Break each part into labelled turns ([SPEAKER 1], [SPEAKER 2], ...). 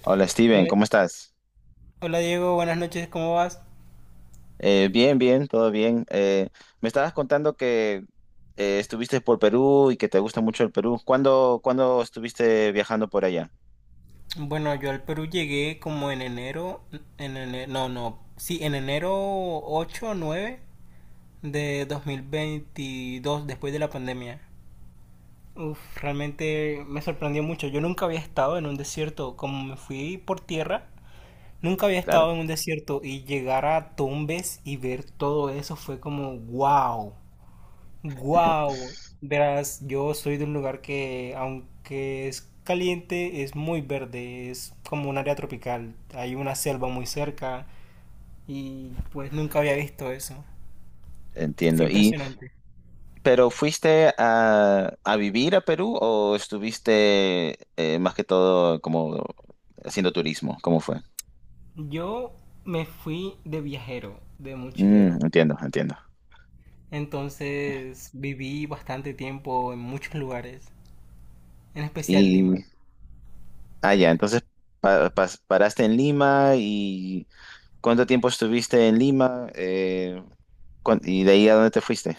[SPEAKER 1] Hola Steven,
[SPEAKER 2] Hola,
[SPEAKER 1] ¿cómo estás?
[SPEAKER 2] hola, Diego, buenas noches, ¿cómo vas?
[SPEAKER 1] Bien, bien, todo bien. Me estabas contando que estuviste por Perú y que te gusta mucho el Perú. ¿Cuándo estuviste viajando por allá?
[SPEAKER 2] Bueno, yo al Perú llegué como en enero, no, no, sí, en enero 8 o 9 de 2022, después de la pandemia. Uf, realmente me sorprendió mucho. Yo nunca había estado en un desierto, como me fui por tierra, nunca había
[SPEAKER 1] Claro,
[SPEAKER 2] estado en un desierto y llegar a Tumbes y ver todo eso fue como wow. Wow, verás, yo soy de un lugar que, aunque es caliente, es muy verde, es como un área tropical. Hay una selva muy cerca y pues nunca había visto eso. Fue
[SPEAKER 1] entiendo. Y,
[SPEAKER 2] impresionante.
[SPEAKER 1] pero ¿fuiste a vivir a Perú o estuviste más que todo como haciendo turismo? ¿Cómo fue?
[SPEAKER 2] Yo me fui de viajero, de
[SPEAKER 1] Mm,
[SPEAKER 2] mochilero.
[SPEAKER 1] entiendo, entiendo.
[SPEAKER 2] Entonces viví bastante tiempo en muchos lugares, en especial
[SPEAKER 1] Y,
[SPEAKER 2] Lima.
[SPEAKER 1] ah, ya, entonces paraste en Lima y ¿cuánto tiempo estuviste en Lima? ¿Y de ahí a dónde te fuiste?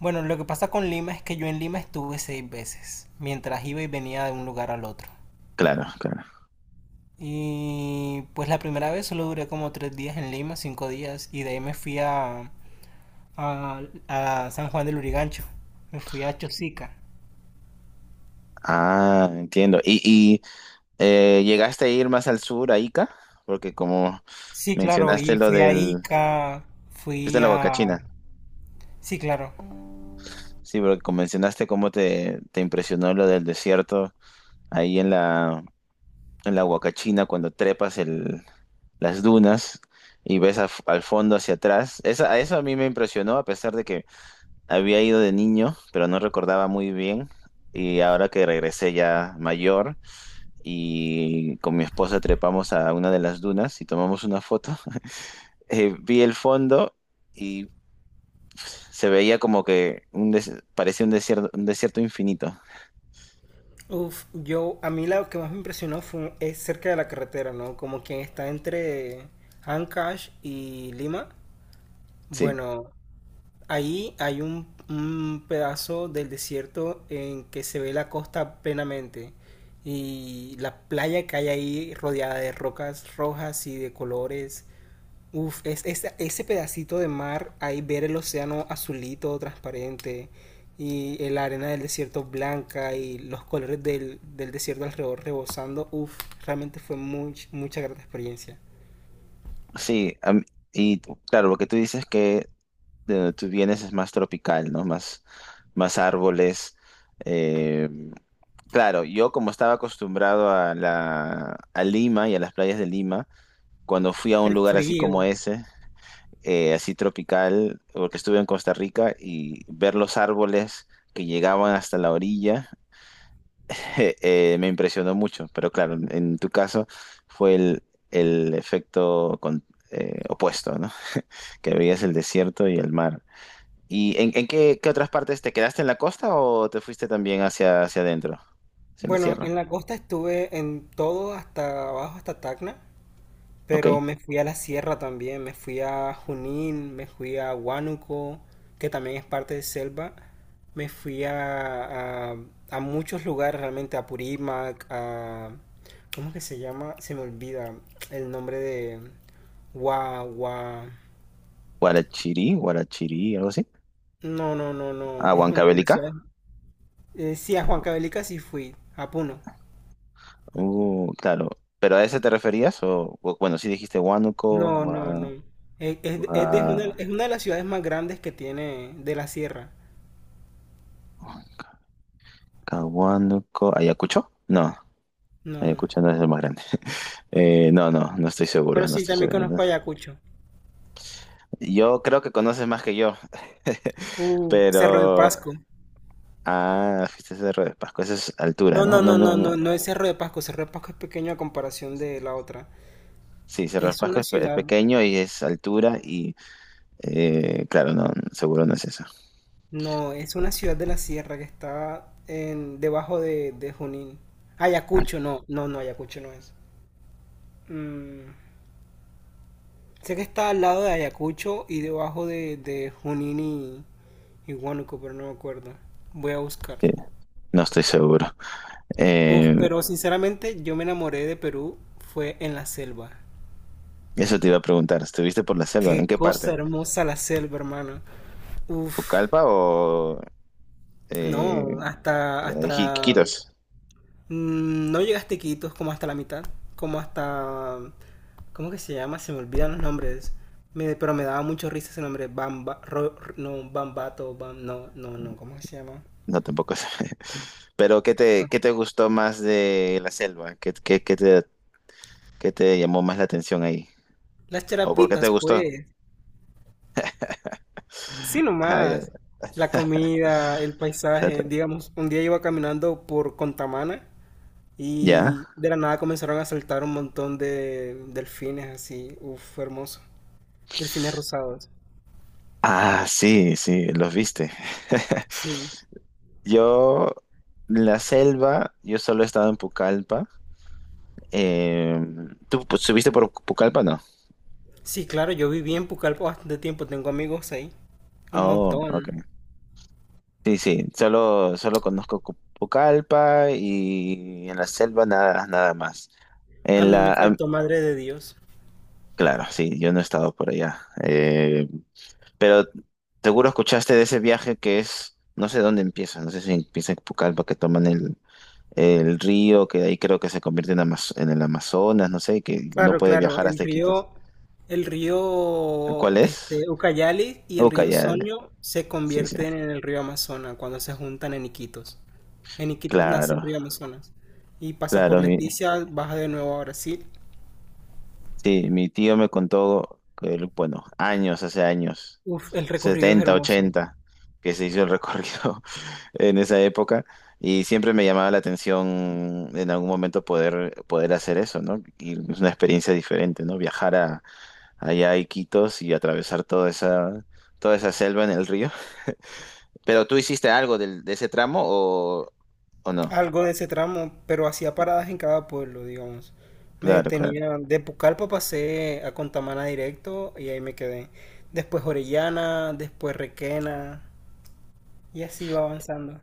[SPEAKER 2] Bueno, lo que pasa con Lima es que yo en Lima estuve seis veces, mientras iba y venía de un lugar al otro.
[SPEAKER 1] Claro, claro.
[SPEAKER 2] Y pues la primera vez solo duré como 3 días en Lima, 5 días, y de ahí me fui a, a San Juan del Urigancho, me fui a Chosica.
[SPEAKER 1] Ah, entiendo. ¿Y llegaste a ir más al sur, a Ica? Porque como
[SPEAKER 2] Sí, claro,
[SPEAKER 1] mencionaste
[SPEAKER 2] y
[SPEAKER 1] lo
[SPEAKER 2] fui a
[SPEAKER 1] del...
[SPEAKER 2] Ica,
[SPEAKER 1] Fuiste a
[SPEAKER 2] fui
[SPEAKER 1] la
[SPEAKER 2] a...
[SPEAKER 1] Huacachina.
[SPEAKER 2] sí, claro.
[SPEAKER 1] Sí, porque como mencionaste cómo te impresionó lo del desierto ahí en en la Huacachina cuando trepas las dunas y ves al fondo hacia atrás. A eso a mí me impresionó, a pesar de que había ido de niño, pero no recordaba muy bien. Y ahora que regresé ya mayor y con mi esposa trepamos a una de las dunas y tomamos una foto. Vi el fondo y se veía como que un parecía un desierto infinito.
[SPEAKER 2] Uf, yo, a mí lo que más me impresionó fue, es cerca de la carretera, ¿no? Como quien está entre Ancash y Lima.
[SPEAKER 1] Sí,
[SPEAKER 2] Bueno, ahí hay un pedazo del desierto en que se ve la costa plenamente y la playa que hay ahí rodeada de rocas rojas y de colores. Uf, ese pedacito de mar, ahí ver el océano azulito, transparente, y la arena del desierto blanca y los colores del desierto alrededor rebosando, uf, realmente fue mucha grata experiencia.
[SPEAKER 1] sí. a y Claro, lo que tú dices que de donde tú vienes es más tropical, ¿no? Más, más árboles. eh, Claro, yo como estaba acostumbrado a a Lima y a las playas de Lima, cuando fui a un
[SPEAKER 2] El
[SPEAKER 1] lugar así como
[SPEAKER 2] frío.
[SPEAKER 1] ese, así tropical, porque estuve en Costa Rica y ver los árboles que llegaban hasta la orilla. Me impresionó mucho, pero claro, en tu caso fue el efecto opuesto, ¿no? Que veías el desierto y el mar. ¿Y en qué otras partes? ¿Te quedaste en la costa o te fuiste también hacia adentro, hacia la
[SPEAKER 2] Bueno,
[SPEAKER 1] sierra?
[SPEAKER 2] en la costa estuve en todo hasta abajo, hasta Tacna.
[SPEAKER 1] Ok.
[SPEAKER 2] Pero me fui a la sierra también, me fui a Junín, me fui a Huánuco, que también es parte de selva. Me fui a muchos lugares realmente, a Purímac, a... ¿Cómo que se llama? Se me olvida el nombre de... Gua, Gua-.
[SPEAKER 1] Guarachirí, Guarachirí, algo así.
[SPEAKER 2] No, no, no, no.
[SPEAKER 1] Ah,
[SPEAKER 2] Es una de las
[SPEAKER 1] Huancavelica.
[SPEAKER 2] ciudades... sí, a Huancavelica sí fui, a Puno.
[SPEAKER 1] Claro. ¿Pero a ese te referías? Bueno, sí dijiste Huánuco,
[SPEAKER 2] No, no, no. Es, es- es de- es una,
[SPEAKER 1] Gua-
[SPEAKER 2] es una de las ciudades más grandes que tiene de la sierra.
[SPEAKER 1] ¿Ayacucho? No,
[SPEAKER 2] No.
[SPEAKER 1] Ayacucho no es el más grande. No, no, no estoy
[SPEAKER 2] Pero
[SPEAKER 1] seguro, no
[SPEAKER 2] sí,
[SPEAKER 1] estoy
[SPEAKER 2] también
[SPEAKER 1] seguro.
[SPEAKER 2] conozco Ayacucho.
[SPEAKER 1] Yo creo que conoces más que yo,
[SPEAKER 2] Cerro de
[SPEAKER 1] pero...
[SPEAKER 2] Pasco.
[SPEAKER 1] Ah, fuiste a Cerro de Pasco, esa es altura,
[SPEAKER 2] No,
[SPEAKER 1] ¿no?
[SPEAKER 2] no,
[SPEAKER 1] No,
[SPEAKER 2] no,
[SPEAKER 1] no,
[SPEAKER 2] no,
[SPEAKER 1] no.
[SPEAKER 2] no, no es Cerro de Pasco. Cerro de Pasco es pequeño a comparación de la otra.
[SPEAKER 1] Sí, Cerro de
[SPEAKER 2] Es
[SPEAKER 1] Pasco
[SPEAKER 2] una
[SPEAKER 1] es, es
[SPEAKER 2] ciudad,
[SPEAKER 1] pequeño y es altura y, claro, no, seguro no es eso.
[SPEAKER 2] no, es una ciudad de la sierra que está en, debajo de Junín. Ayacucho, no, no, no, Ayacucho no es. Mm, Sé que está al lado de Ayacucho y debajo de Junín y Huánuco, pero no me acuerdo. Voy a buscar.
[SPEAKER 1] Sí, no estoy seguro.
[SPEAKER 2] Uf,
[SPEAKER 1] Eh,
[SPEAKER 2] pero sinceramente yo me enamoré de Perú fue en la selva.
[SPEAKER 1] Eso te iba a preguntar, ¿estuviste por la selva? ¿En
[SPEAKER 2] Qué
[SPEAKER 1] qué
[SPEAKER 2] cosa
[SPEAKER 1] parte?
[SPEAKER 2] hermosa la selva, hermano. Uf,
[SPEAKER 1] ¿Pucallpa o eh,
[SPEAKER 2] no, hasta, hasta,
[SPEAKER 1] Quitos?
[SPEAKER 2] no llegaste a Iquitos como hasta la mitad, como hasta, ¿cómo que se llama? Se me olvidan los nombres, pero me daba mucho risa ese nombre, Bamba, Ro- R- no, Bambato, Bam, no, no, no, ¿cómo que se llama?
[SPEAKER 1] No, tampoco sé. Pero ¿qué
[SPEAKER 2] No,
[SPEAKER 1] qué te gustó más de la selva? ¿Qué te, qué te llamó más la atención ahí?
[SPEAKER 2] las
[SPEAKER 1] ¿O por qué te
[SPEAKER 2] charapitas,
[SPEAKER 1] gustó?
[SPEAKER 2] pues, sí
[SPEAKER 1] Ah, ya,
[SPEAKER 2] nomás,
[SPEAKER 1] ya.
[SPEAKER 2] la comida, el
[SPEAKER 1] O sea, te-
[SPEAKER 2] paisaje, digamos, un día iba caminando por Contamana
[SPEAKER 1] ¿Ya?
[SPEAKER 2] y de la nada comenzaron a saltar un montón de delfines así, uff, hermoso. Delfines rosados.
[SPEAKER 1] Ah, sí, sí, los viste.
[SPEAKER 2] Sí,
[SPEAKER 1] Yo, la selva, yo solo he estado en Pucallpa. Eh, ¿Tú pues, subiste por Pucallpa, no?
[SPEAKER 2] sí, claro, yo viví en Pucallpa bastante tiempo, tengo amigos ahí, un
[SPEAKER 1] Oh,
[SPEAKER 2] montón.
[SPEAKER 1] ok. Sí, sí, solo, solo conozco Pucallpa y en la selva nada, nada más.
[SPEAKER 2] A
[SPEAKER 1] En
[SPEAKER 2] mí
[SPEAKER 1] la,
[SPEAKER 2] me
[SPEAKER 1] ah,
[SPEAKER 2] faltó Madre de Dios.
[SPEAKER 1] claro, sí, yo no he estado por allá. Pero seguro escuchaste de ese viaje que es, no sé dónde empieza, no sé si empieza en Pucallpa, que toman el río, que de ahí creo que se convierte en, en el Amazonas, no sé, que no
[SPEAKER 2] Claro,
[SPEAKER 1] puede
[SPEAKER 2] claro,
[SPEAKER 1] viajar hasta Iquitos.
[SPEAKER 2] el
[SPEAKER 1] ¿Cuál
[SPEAKER 2] río
[SPEAKER 1] es?
[SPEAKER 2] este, Ucayali y el río
[SPEAKER 1] Ucayali.
[SPEAKER 2] Sonio se
[SPEAKER 1] Sí, sí.
[SPEAKER 2] convierten en el río Amazonas cuando se juntan en Iquitos. En Iquitos nace
[SPEAKER 1] Claro,
[SPEAKER 2] el río Amazonas y pasa por
[SPEAKER 1] claro,
[SPEAKER 2] Leticia, baja de nuevo a Brasil.
[SPEAKER 1] sí, mi tío me contó, que él, bueno, hace años,
[SPEAKER 2] Uf, el recorrido es
[SPEAKER 1] 70,
[SPEAKER 2] hermoso.
[SPEAKER 1] 80, que se hizo el recorrido en esa época y siempre me llamaba la atención en algún momento poder, poder hacer eso, ¿no? Y es una experiencia diferente, ¿no? Viajar a, allá a Iquitos y atravesar toda esa selva en el río. ¿Pero tú hiciste algo de ese tramo o no?
[SPEAKER 2] Algo de ese tramo, pero hacía paradas en cada pueblo, digamos. Me
[SPEAKER 1] Claro, claro.
[SPEAKER 2] detenía, de Pucallpa pasé a Contamana directo y ahí me quedé. Después Orellana, después Requena y así iba avanzando.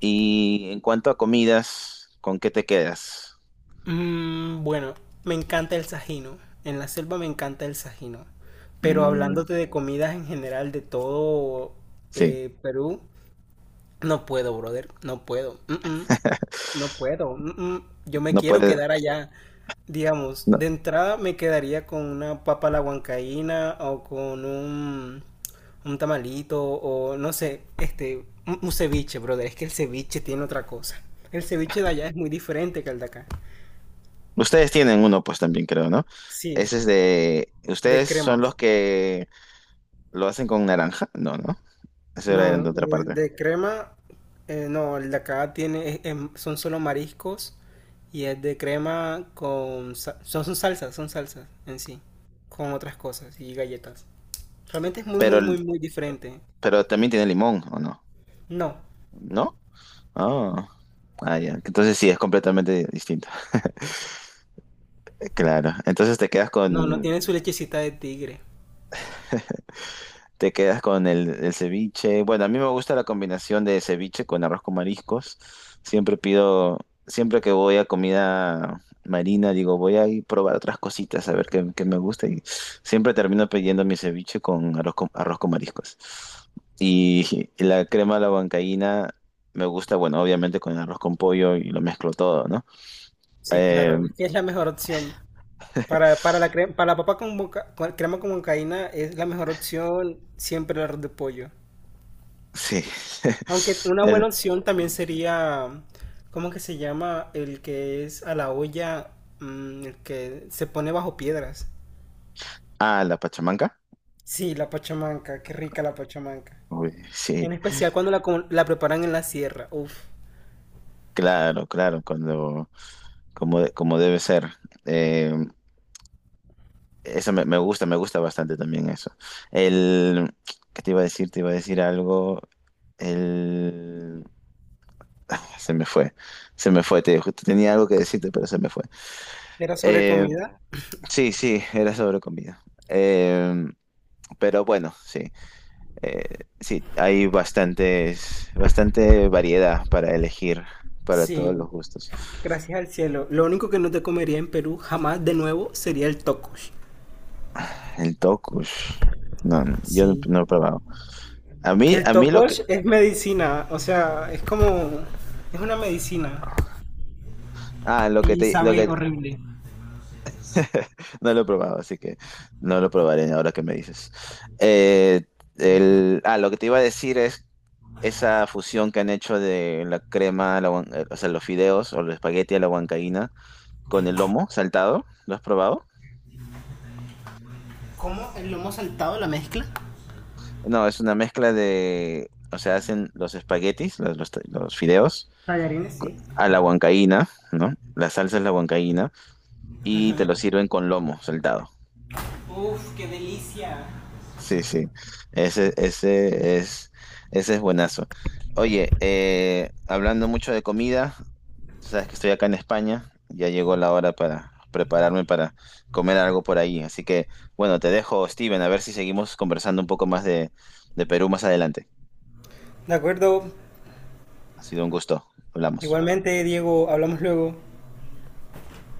[SPEAKER 1] Y en cuanto a comidas, ¿con qué te quedas?
[SPEAKER 2] Bueno, me encanta el sajino. En la selva me encanta el sajino. Pero
[SPEAKER 1] Mm,
[SPEAKER 2] hablándote de comidas en general de todo
[SPEAKER 1] sí.
[SPEAKER 2] Perú, no puedo, brother, no puedo. Mm, mm. No puedo. Yo me
[SPEAKER 1] No
[SPEAKER 2] quiero
[SPEAKER 1] puede.
[SPEAKER 2] quedar allá. Digamos,
[SPEAKER 1] No.
[SPEAKER 2] de entrada me quedaría con una papa a la huancaína o con un tamalito o no sé, este, un ceviche, brother. Es que el ceviche tiene otra cosa. El ceviche de allá es muy diferente que el de acá.
[SPEAKER 1] Ustedes tienen uno, pues también creo, ¿no?
[SPEAKER 2] Sí,
[SPEAKER 1] Ese es de.
[SPEAKER 2] de
[SPEAKER 1] Ustedes son los
[SPEAKER 2] cremas.
[SPEAKER 1] que lo hacen con naranja. No, no. Eso era
[SPEAKER 2] No,
[SPEAKER 1] de otra parte.
[SPEAKER 2] de crema, no, el de acá tiene, son solo mariscos y es de crema con, son salsas, son salsas en sí, con otras cosas y galletas. Realmente es muy,
[SPEAKER 1] Pero,
[SPEAKER 2] muy, muy, muy diferente.
[SPEAKER 1] pero también tiene limón, ¿o no?
[SPEAKER 2] No,
[SPEAKER 1] ¿No? Ah, ah, ya. Entonces sí, es completamente distinto. Claro. Entonces te quedas
[SPEAKER 2] no, no
[SPEAKER 1] con.
[SPEAKER 2] tiene su lechecita de tigre.
[SPEAKER 1] Te quedas con el ceviche. Bueno, a mí me gusta la combinación de ceviche con arroz con mariscos. Siempre pido, siempre que voy a comida marina, digo, voy a ir a probar otras cositas, a ver qué me gusta. Y siempre termino pidiendo mi ceviche con arroz con, arroz con mariscos. Y la crema a la huancaína me gusta, bueno, obviamente con arroz con pollo y lo mezclo todo, ¿no?
[SPEAKER 2] Sí,
[SPEAKER 1] Eh,
[SPEAKER 2] claro, es que es la mejor opción. Para la crema, para la papa con crema con huancaína es la mejor opción siempre el arroz de pollo.
[SPEAKER 1] sí.
[SPEAKER 2] Aunque una buena
[SPEAKER 1] Es-
[SPEAKER 2] opción también sería, ¿cómo que se llama? El que es a la olla, el que se pone bajo piedras.
[SPEAKER 1] ah, la pachamanca.
[SPEAKER 2] Sí, la pachamanca, qué rica la pachamanca.
[SPEAKER 1] Uy, sí,
[SPEAKER 2] En especial cuando la preparan en la sierra. Uf,
[SPEAKER 1] claro, claro, cuando... como, de- como debe ser. Eh, Eso me, me gusta bastante también eso. El, ¿qué te iba a decir? Te iba a decir algo. El, se me fue, se me fue. Te, justo tenía algo que decirte, pero se me fue.
[SPEAKER 2] ¿era sobre
[SPEAKER 1] Eh,
[SPEAKER 2] comida?
[SPEAKER 1] sí, sí, era sobre comida. Eh, pero bueno, sí, eh, sí, hay bastantes, bastante variedad para elegir para todos
[SPEAKER 2] Sí,
[SPEAKER 1] los gustos.
[SPEAKER 2] gracias al cielo. Lo único que no te comería en Perú jamás de nuevo sería el tocosh.
[SPEAKER 1] El tokush, no, no, yo no,
[SPEAKER 2] Sí.
[SPEAKER 1] no he probado.
[SPEAKER 2] El
[SPEAKER 1] A mí lo que
[SPEAKER 2] tocosh es medicina, o sea, es como, es una medicina
[SPEAKER 1] Ah, lo que
[SPEAKER 2] y
[SPEAKER 1] te, lo
[SPEAKER 2] sabe
[SPEAKER 1] que
[SPEAKER 2] horrible.
[SPEAKER 1] no lo he probado, así que no lo probaré ahora que me dices. Eh, el, ah, lo que te iba a decir es esa fusión que han hecho de la crema, a la o sea, los fideos o los espagueti a la huancaína con el lomo saltado. ¿Lo has probado?
[SPEAKER 2] ¿Cómo el lomo saltado, la mezcla?
[SPEAKER 1] No, es una mezcla de, o sea, hacen los espaguetis, los fideos
[SPEAKER 2] Tallarines, sí.
[SPEAKER 1] a la huancaína, ¿no? La salsa es la huancaína y te lo sirven con lomo saltado.
[SPEAKER 2] Uf, qué delicia.
[SPEAKER 1] Sí, sí, ese, ese es buenazo. Oye, hablando mucho de comida, sabes que estoy acá en España, ya llegó la hora para prepararme para comer algo por ahí. Así que, bueno, te dejo, Steven, a ver si seguimos conversando un poco más de Perú más adelante.
[SPEAKER 2] De acuerdo.
[SPEAKER 1] Ha sido un gusto, hablamos.
[SPEAKER 2] Igualmente, Diego, hablamos luego.